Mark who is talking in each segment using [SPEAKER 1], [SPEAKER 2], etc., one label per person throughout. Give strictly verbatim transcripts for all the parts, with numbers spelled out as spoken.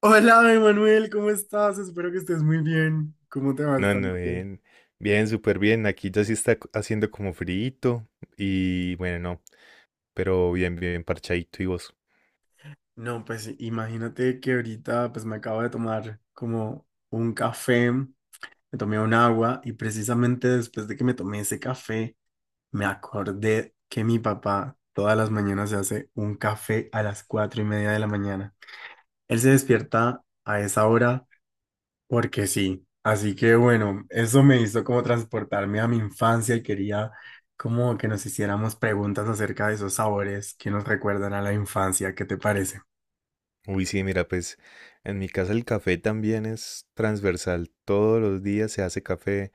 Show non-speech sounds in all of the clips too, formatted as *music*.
[SPEAKER 1] Hola, Emanuel, ¿cómo estás? Espero que estés muy bien. ¿Cómo te va
[SPEAKER 2] No,
[SPEAKER 1] esta
[SPEAKER 2] no,
[SPEAKER 1] noche?
[SPEAKER 2] bien. Bien, súper bien. Aquí ya sí está co- haciendo como frito y bueno, no, pero bien, bien parchadito y vos.
[SPEAKER 1] No, pues imagínate que ahorita pues me acabo de tomar como un café, me tomé un agua y precisamente después de que me tomé ese café, me acordé que mi papá todas las mañanas se hace un café a las cuatro y media de la mañana. Él se despierta a esa hora porque sí. Así que bueno, eso me hizo como transportarme a mi infancia y quería como que nos hiciéramos preguntas acerca de esos sabores que nos recuerdan a la infancia. ¿Qué te parece?
[SPEAKER 2] Uy, sí, mira, pues en mi casa el café también es transversal. Todos los días se hace café.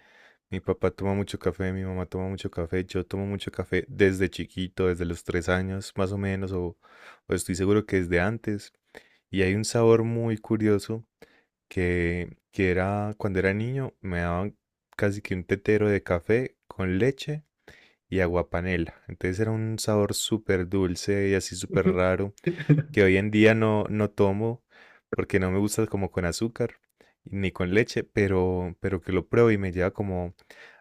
[SPEAKER 2] Mi papá toma mucho café, mi mamá toma mucho café, yo tomo mucho café desde chiquito, desde los tres años más o menos, o, o estoy seguro que desde antes. Y hay un sabor muy curioso que, que era cuando era niño, me daban casi que un tetero de café con leche y agua panela. Entonces era un sabor súper dulce y así súper raro que hoy en día no, no tomo porque no me gusta como con azúcar ni con leche, pero, pero que lo pruebo y me lleva como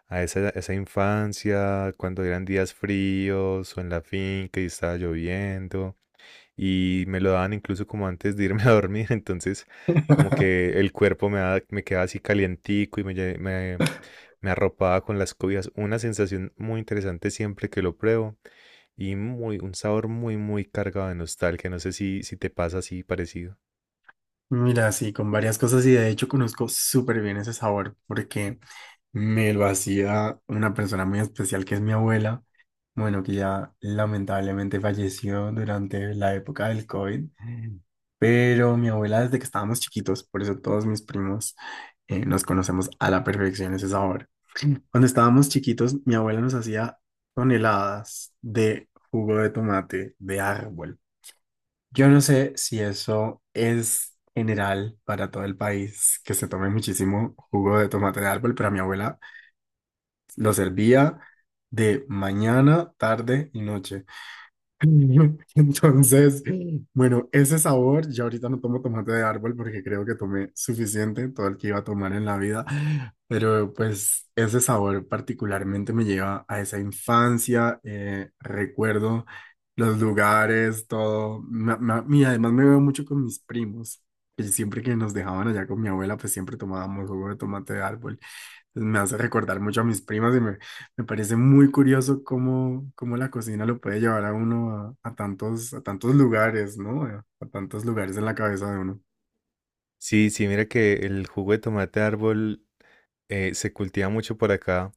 [SPEAKER 2] a esa, esa infancia, cuando eran días fríos o en la finca y estaba lloviendo y me lo daban incluso como antes de irme a dormir, *laughs* entonces como
[SPEAKER 1] *laughs*
[SPEAKER 2] que el cuerpo me, da- me quedaba así calientico y me, lle- me, me arropaba con las cobijas. Una sensación muy interesante siempre que lo pruebo y muy, un sabor muy, muy cargado de nostalgia. No sé si, si te pasa así parecido.
[SPEAKER 1] Mira, sí, con varias cosas y de hecho conozco súper bien ese sabor porque me lo hacía una persona muy especial que es mi abuela. Bueno, que ya lamentablemente falleció durante la época del COVID, pero mi abuela desde que estábamos chiquitos, por eso todos mis primos eh, nos conocemos a la perfección ese sabor. Cuando estábamos chiquitos, mi abuela nos hacía toneladas de jugo de tomate de árbol. Yo no sé si eso es general para todo el país, que se tome muchísimo jugo de tomate de árbol, pero mi abuela lo servía de mañana, tarde y noche. *laughs* Entonces, bueno, ese sabor, ya ahorita no tomo tomate de árbol porque creo que tomé suficiente, todo el que iba a tomar en la vida, pero pues ese sabor particularmente me lleva a esa infancia, eh, recuerdo los lugares, todo, ma- ma- y además me veo mucho con mis primos, que siempre que nos dejaban allá con mi abuela, pues siempre tomábamos jugo de tomate de árbol. Me hace recordar mucho a mis primas y me, me parece muy curioso cómo, cómo la cocina lo puede llevar a uno a, a tantos, a tantos lugares, ¿no? A, a tantos lugares en la cabeza de uno.
[SPEAKER 2] Sí, sí, mira que el jugo de tomate de árbol eh, se cultiva mucho por acá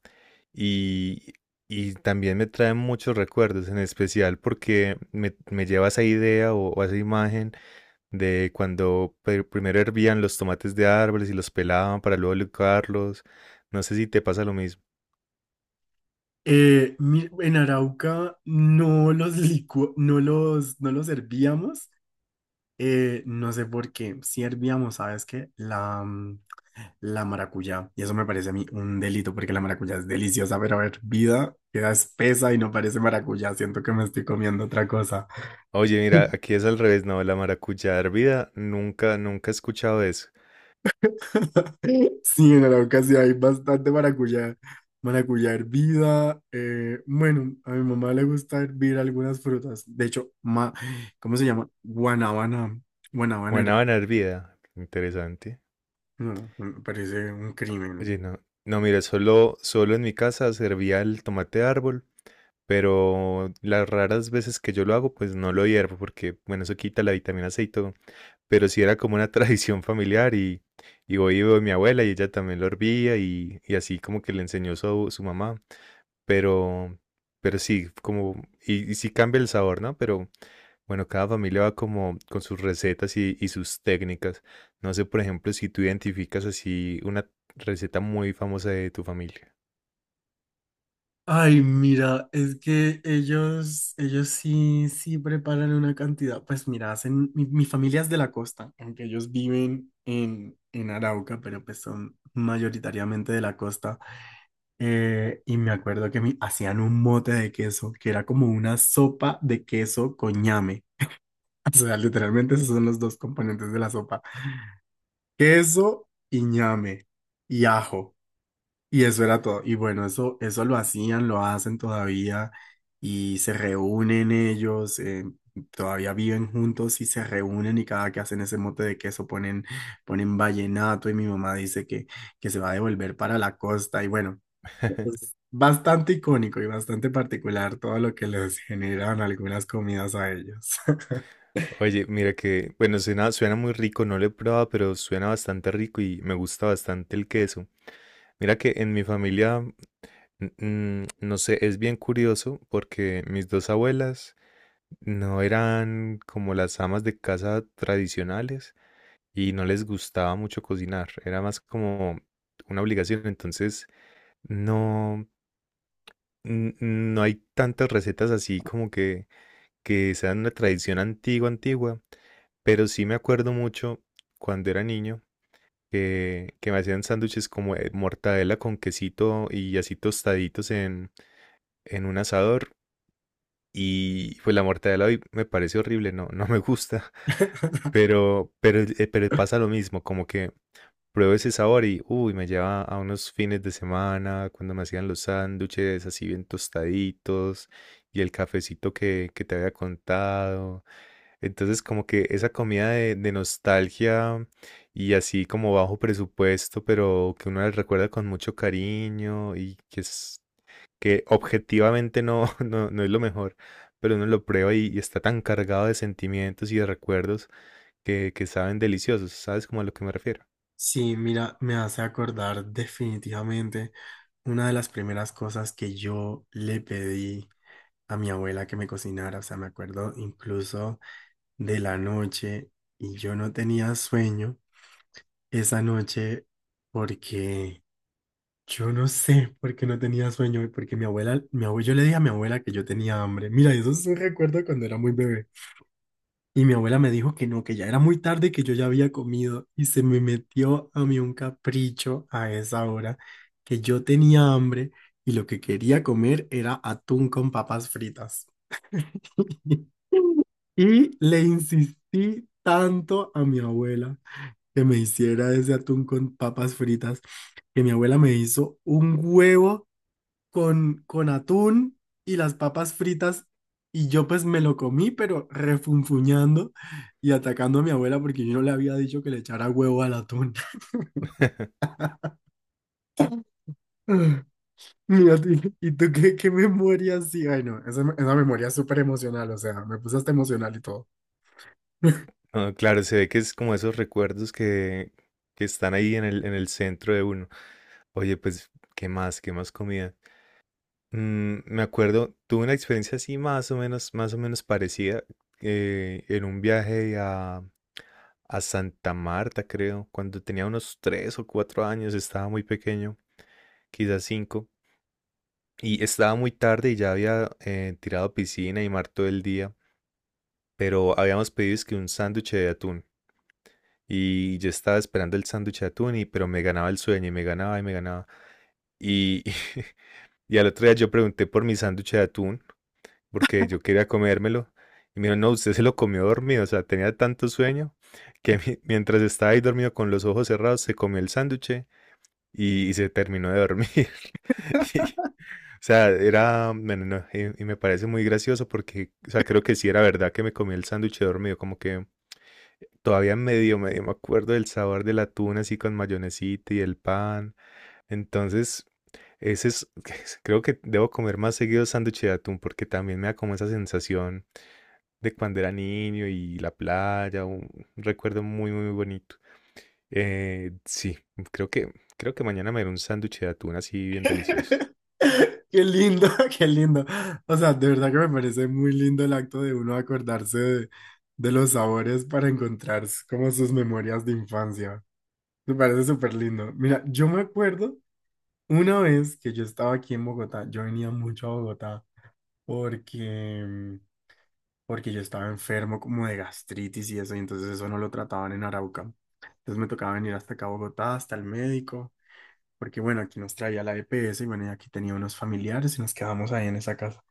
[SPEAKER 2] y, y también me trae muchos recuerdos, en especial porque me, me lleva a esa idea o, o a esa imagen de cuando pe- primero hervían los tomates de árboles y los pelaban para luego licuarlos. No sé si te pasa lo mismo.
[SPEAKER 1] Eh, mi- en Arauca no los licu- no los, no los servíamos, eh, no sé por qué. Si hervíamos, ¿sabes qué? La, mm, la maracuyá. Y eso me parece a mí un delito porque la maracuyá es deliciosa, pero hervida queda espesa y no parece maracuyá. Siento que me estoy comiendo otra cosa.
[SPEAKER 2] Oye, mira, aquí es al revés, no, la maracuyá hervida, nunca, nunca he escuchado eso.
[SPEAKER 1] *laughs* Sí, en Arauca sí hay bastante maracuyá, maracuyá hervida. Eh, bueno, a mi mamá le gusta hervir algunas frutas. De hecho, ma, ¿cómo se llama? Guanábana. Guanábana. her-
[SPEAKER 2] Guanábana hervida, interesante.
[SPEAKER 1] No, me parece un crimen.
[SPEAKER 2] Oye, no, no, mira, solo, solo en mi casa se hervía el tomate árbol pero las raras veces que yo lo hago, pues no lo hiervo porque, bueno, eso quita la vitamina C y todo. Pero sí era como una *laughs* tradición familiar y, y voy y veo a mi abuela y ella también lo hervía y, y así como que le enseñó su, su mamá. Pero, pero sí, como, y, y sí cambia el sabor, ¿no? Pero bueno, cada familia va como con sus recetas y, y sus técnicas. No sé, por ejemplo, si tú identificas así una receta muy famosa de tu familia.
[SPEAKER 1] Ay, mira, es que ellos, ellos sí, sí preparan una cantidad. Pues mira, hacen, mi, mi familia es de la costa, aunque ellos viven en, en Arauca, pero pues son mayoritariamente de la costa. Eh, y me acuerdo que me hacían un mote de queso, que era como una sopa de queso con ñame. *laughs* O sea, literalmente esos son los dos componentes de la sopa. Queso y ñame y ajo. Y eso era todo. Y bueno, eso, eso lo hacían, lo hacen todavía y se reúnen ellos, eh, todavía viven juntos y se reúnen y cada que hacen ese mote de queso ponen, ponen vallenato y mi mamá dice que, que se va a devolver para la costa y bueno,
[SPEAKER 2] *laughs*
[SPEAKER 1] es bastante icónico y bastante particular todo lo que les generan algunas comidas a ellos.
[SPEAKER 2] Oye, mira que, bueno, suena, suena muy rico, no lo he probado, pero suena bastante rico y me gusta bastante el queso. Mira que en mi familia, mm, mm, no sé, es bien curioso porque mis dos abuelas no eran como las amas de casa tradicionales y no les gustaba mucho cocinar, era más como una obligación, entonces no, n- no hay tantas recetas así como que que sea una tradición antigua, antigua, pero sí me acuerdo mucho cuando era niño que, que me hacían sándwiches como de mortadela con quesito y así tostaditos en, en un asador. Y pues la mortadela hoy me parece horrible, no, no me gusta. *laughs*
[SPEAKER 1] *laughs*
[SPEAKER 2] pero, pero, eh, pero pasa lo mismo, como que pruebo ese sabor y, uy, me lleva a unos fines de semana, cuando me hacían los sándwiches así bien tostaditos y el cafecito que, que te había contado. Entonces, como que esa comida de, de nostalgia y así como bajo presupuesto, pero que uno la recuerda con mucho cariño y que es que objetivamente no, *laughs* no, no es lo mejor, pero uno lo prueba y, y está tan cargado de sentimientos y de recuerdos que, que saben deliciosos. ¿Sabes cómo a lo que me refiero?
[SPEAKER 1] Sí, mira, me hace acordar definitivamente una de las primeras cosas que yo le pedí a mi abuela que me cocinara, o sea, me acuerdo incluso de la noche y yo no tenía sueño esa noche porque yo no sé por qué no tenía sueño, y porque mi abuela, mi abuelo, yo le dije a mi abuela que yo tenía hambre. Mira, eso es un recuerdo cuando era muy bebé. Y mi abuela me dijo que no, que ya era muy tarde, y que yo ya había comido y se me metió a mí un capricho a esa hora que yo tenía hambre y lo que quería comer era atún con papas fritas. *laughs* Y le insistí tanto a mi abuela que me hiciera ese atún con papas fritas, que mi abuela me hizo un huevo con, con atún y las papas fritas. Y yo pues me lo comí, pero refunfuñando y atacando a mi abuela porque yo no le había dicho que le echara huevo al atún.
[SPEAKER 2] *laughs*
[SPEAKER 1] *laughs* Ah, mira, ¿y y tú qué, qué memoria sí Ay, no, esa, esa memoria es súper emocional, o sea, me puse hasta emocional y todo.
[SPEAKER 2] Ah, claro, se ve que es como esos recuerdos que, que están ahí en el, en el centro de uno. Oye, pues, ¿qué más? ¿Qué más comida? Mm, me acuerdo, tuve una experiencia así más o menos, más o menos parecida, eh, en un viaje a, a Santa Marta, creo, cuando tenía unos tres o cuatro años, estaba muy pequeño, quizás cinco, y estaba muy tarde y ya había eh, tirado piscina y mar todo el día, pero habíamos pedido es que un sándwich de atún. Y yo estaba esperando el sándwich de atún, y, pero me ganaba el sueño y me ganaba y me ganaba. Y, *laughs* y al otro día yo pregunté por mi sándwich de atún, porque yo quería comérmelo. Y me dijo, no, usted se lo comió dormido, o sea, tenía tanto sueño que mi- mientras estaba ahí dormido con los ojos cerrados, se comió el sándwich y, y se terminó de dormir. *laughs* Y, o sea, era, bueno, no, y, y me parece muy gracioso porque, o sea, creo que sí era verdad que me comí el sándwich dormido, como que todavía medio, medio me acuerdo del sabor del atún así con mayonesita y el pan. Entonces, ese es, *laughs* creo que debo comer más seguido sándwich de atún porque también me da como esa sensación de cuando era niño y la playa, un recuerdo muy, muy bonito. Eh, sí, creo que, creo que mañana me haré un sándwich de atún así bien delicioso.
[SPEAKER 1] Qué lindo, *laughs* qué lindo. O sea, de verdad que me parece muy lindo el acto de uno acordarse de, de los sabores para encontrar s- como sus memorias de infancia. Me parece súper lindo. Mira, yo me acuerdo una vez que yo estaba aquí en Bogotá, yo venía mucho a Bogotá porque, mm, porque yo estaba enfermo como de gastritis y eso, y entonces eso no lo trataban en Arauca. Entonces me tocaba venir hasta acá a Bogotá, hasta el médico, porque bueno, aquí nos traía la E P S y bueno, y aquí tenía unos familiares y nos quedamos ahí en esa casa.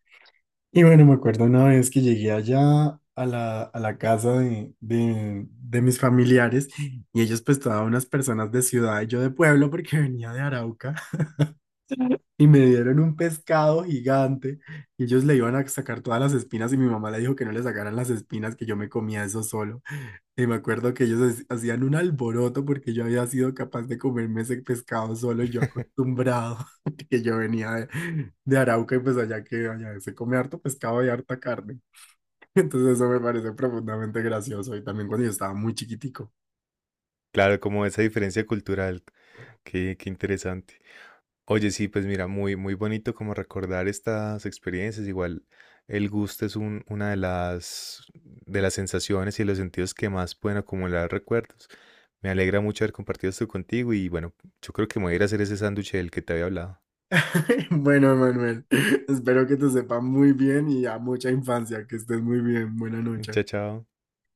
[SPEAKER 1] Y bueno, me acuerdo una vez que llegué allá a la, a la casa de, de, de mis familiares y ellos pues todas unas personas de ciudad y yo de pueblo porque *laughs* venía de Arauca y me dieron un pescado gigante y ellos le iban a sacar todas las espinas y mi mamá le dijo que no le sacaran las espinas, que yo me comía eso solo. Y me acuerdo que ellos hac- hacían un alboroto porque yo había sido capaz de comerme ese pescado solo y yo
[SPEAKER 2] *laughs*
[SPEAKER 1] acostumbrado *laughs* que yo venía de, de Arauca y pues allá que allá se come harto pescado y harta carne. *laughs* Entonces eso me parece profundamente gracioso y también cuando yo estaba muy chiquitico.
[SPEAKER 2] Claro, como esa diferencia cultural, qué, qué interesante. Oye, sí, pues mira, muy, muy bonito como recordar estas experiencias. Igual el gusto es un- una de las, de las sensaciones y de los sentidos que más pueden acumular recuerdos. Me alegra mucho haber compartido esto contigo y bueno, yo creo que me voy a ir a hacer ese sándwich del que te había hablado.
[SPEAKER 1] *laughs* Bueno, Manuel, espero que te sepa muy bien y a mucha infancia, que estés muy bien. Buena
[SPEAKER 2] *laughs*
[SPEAKER 1] noche.
[SPEAKER 2] Chao, chao.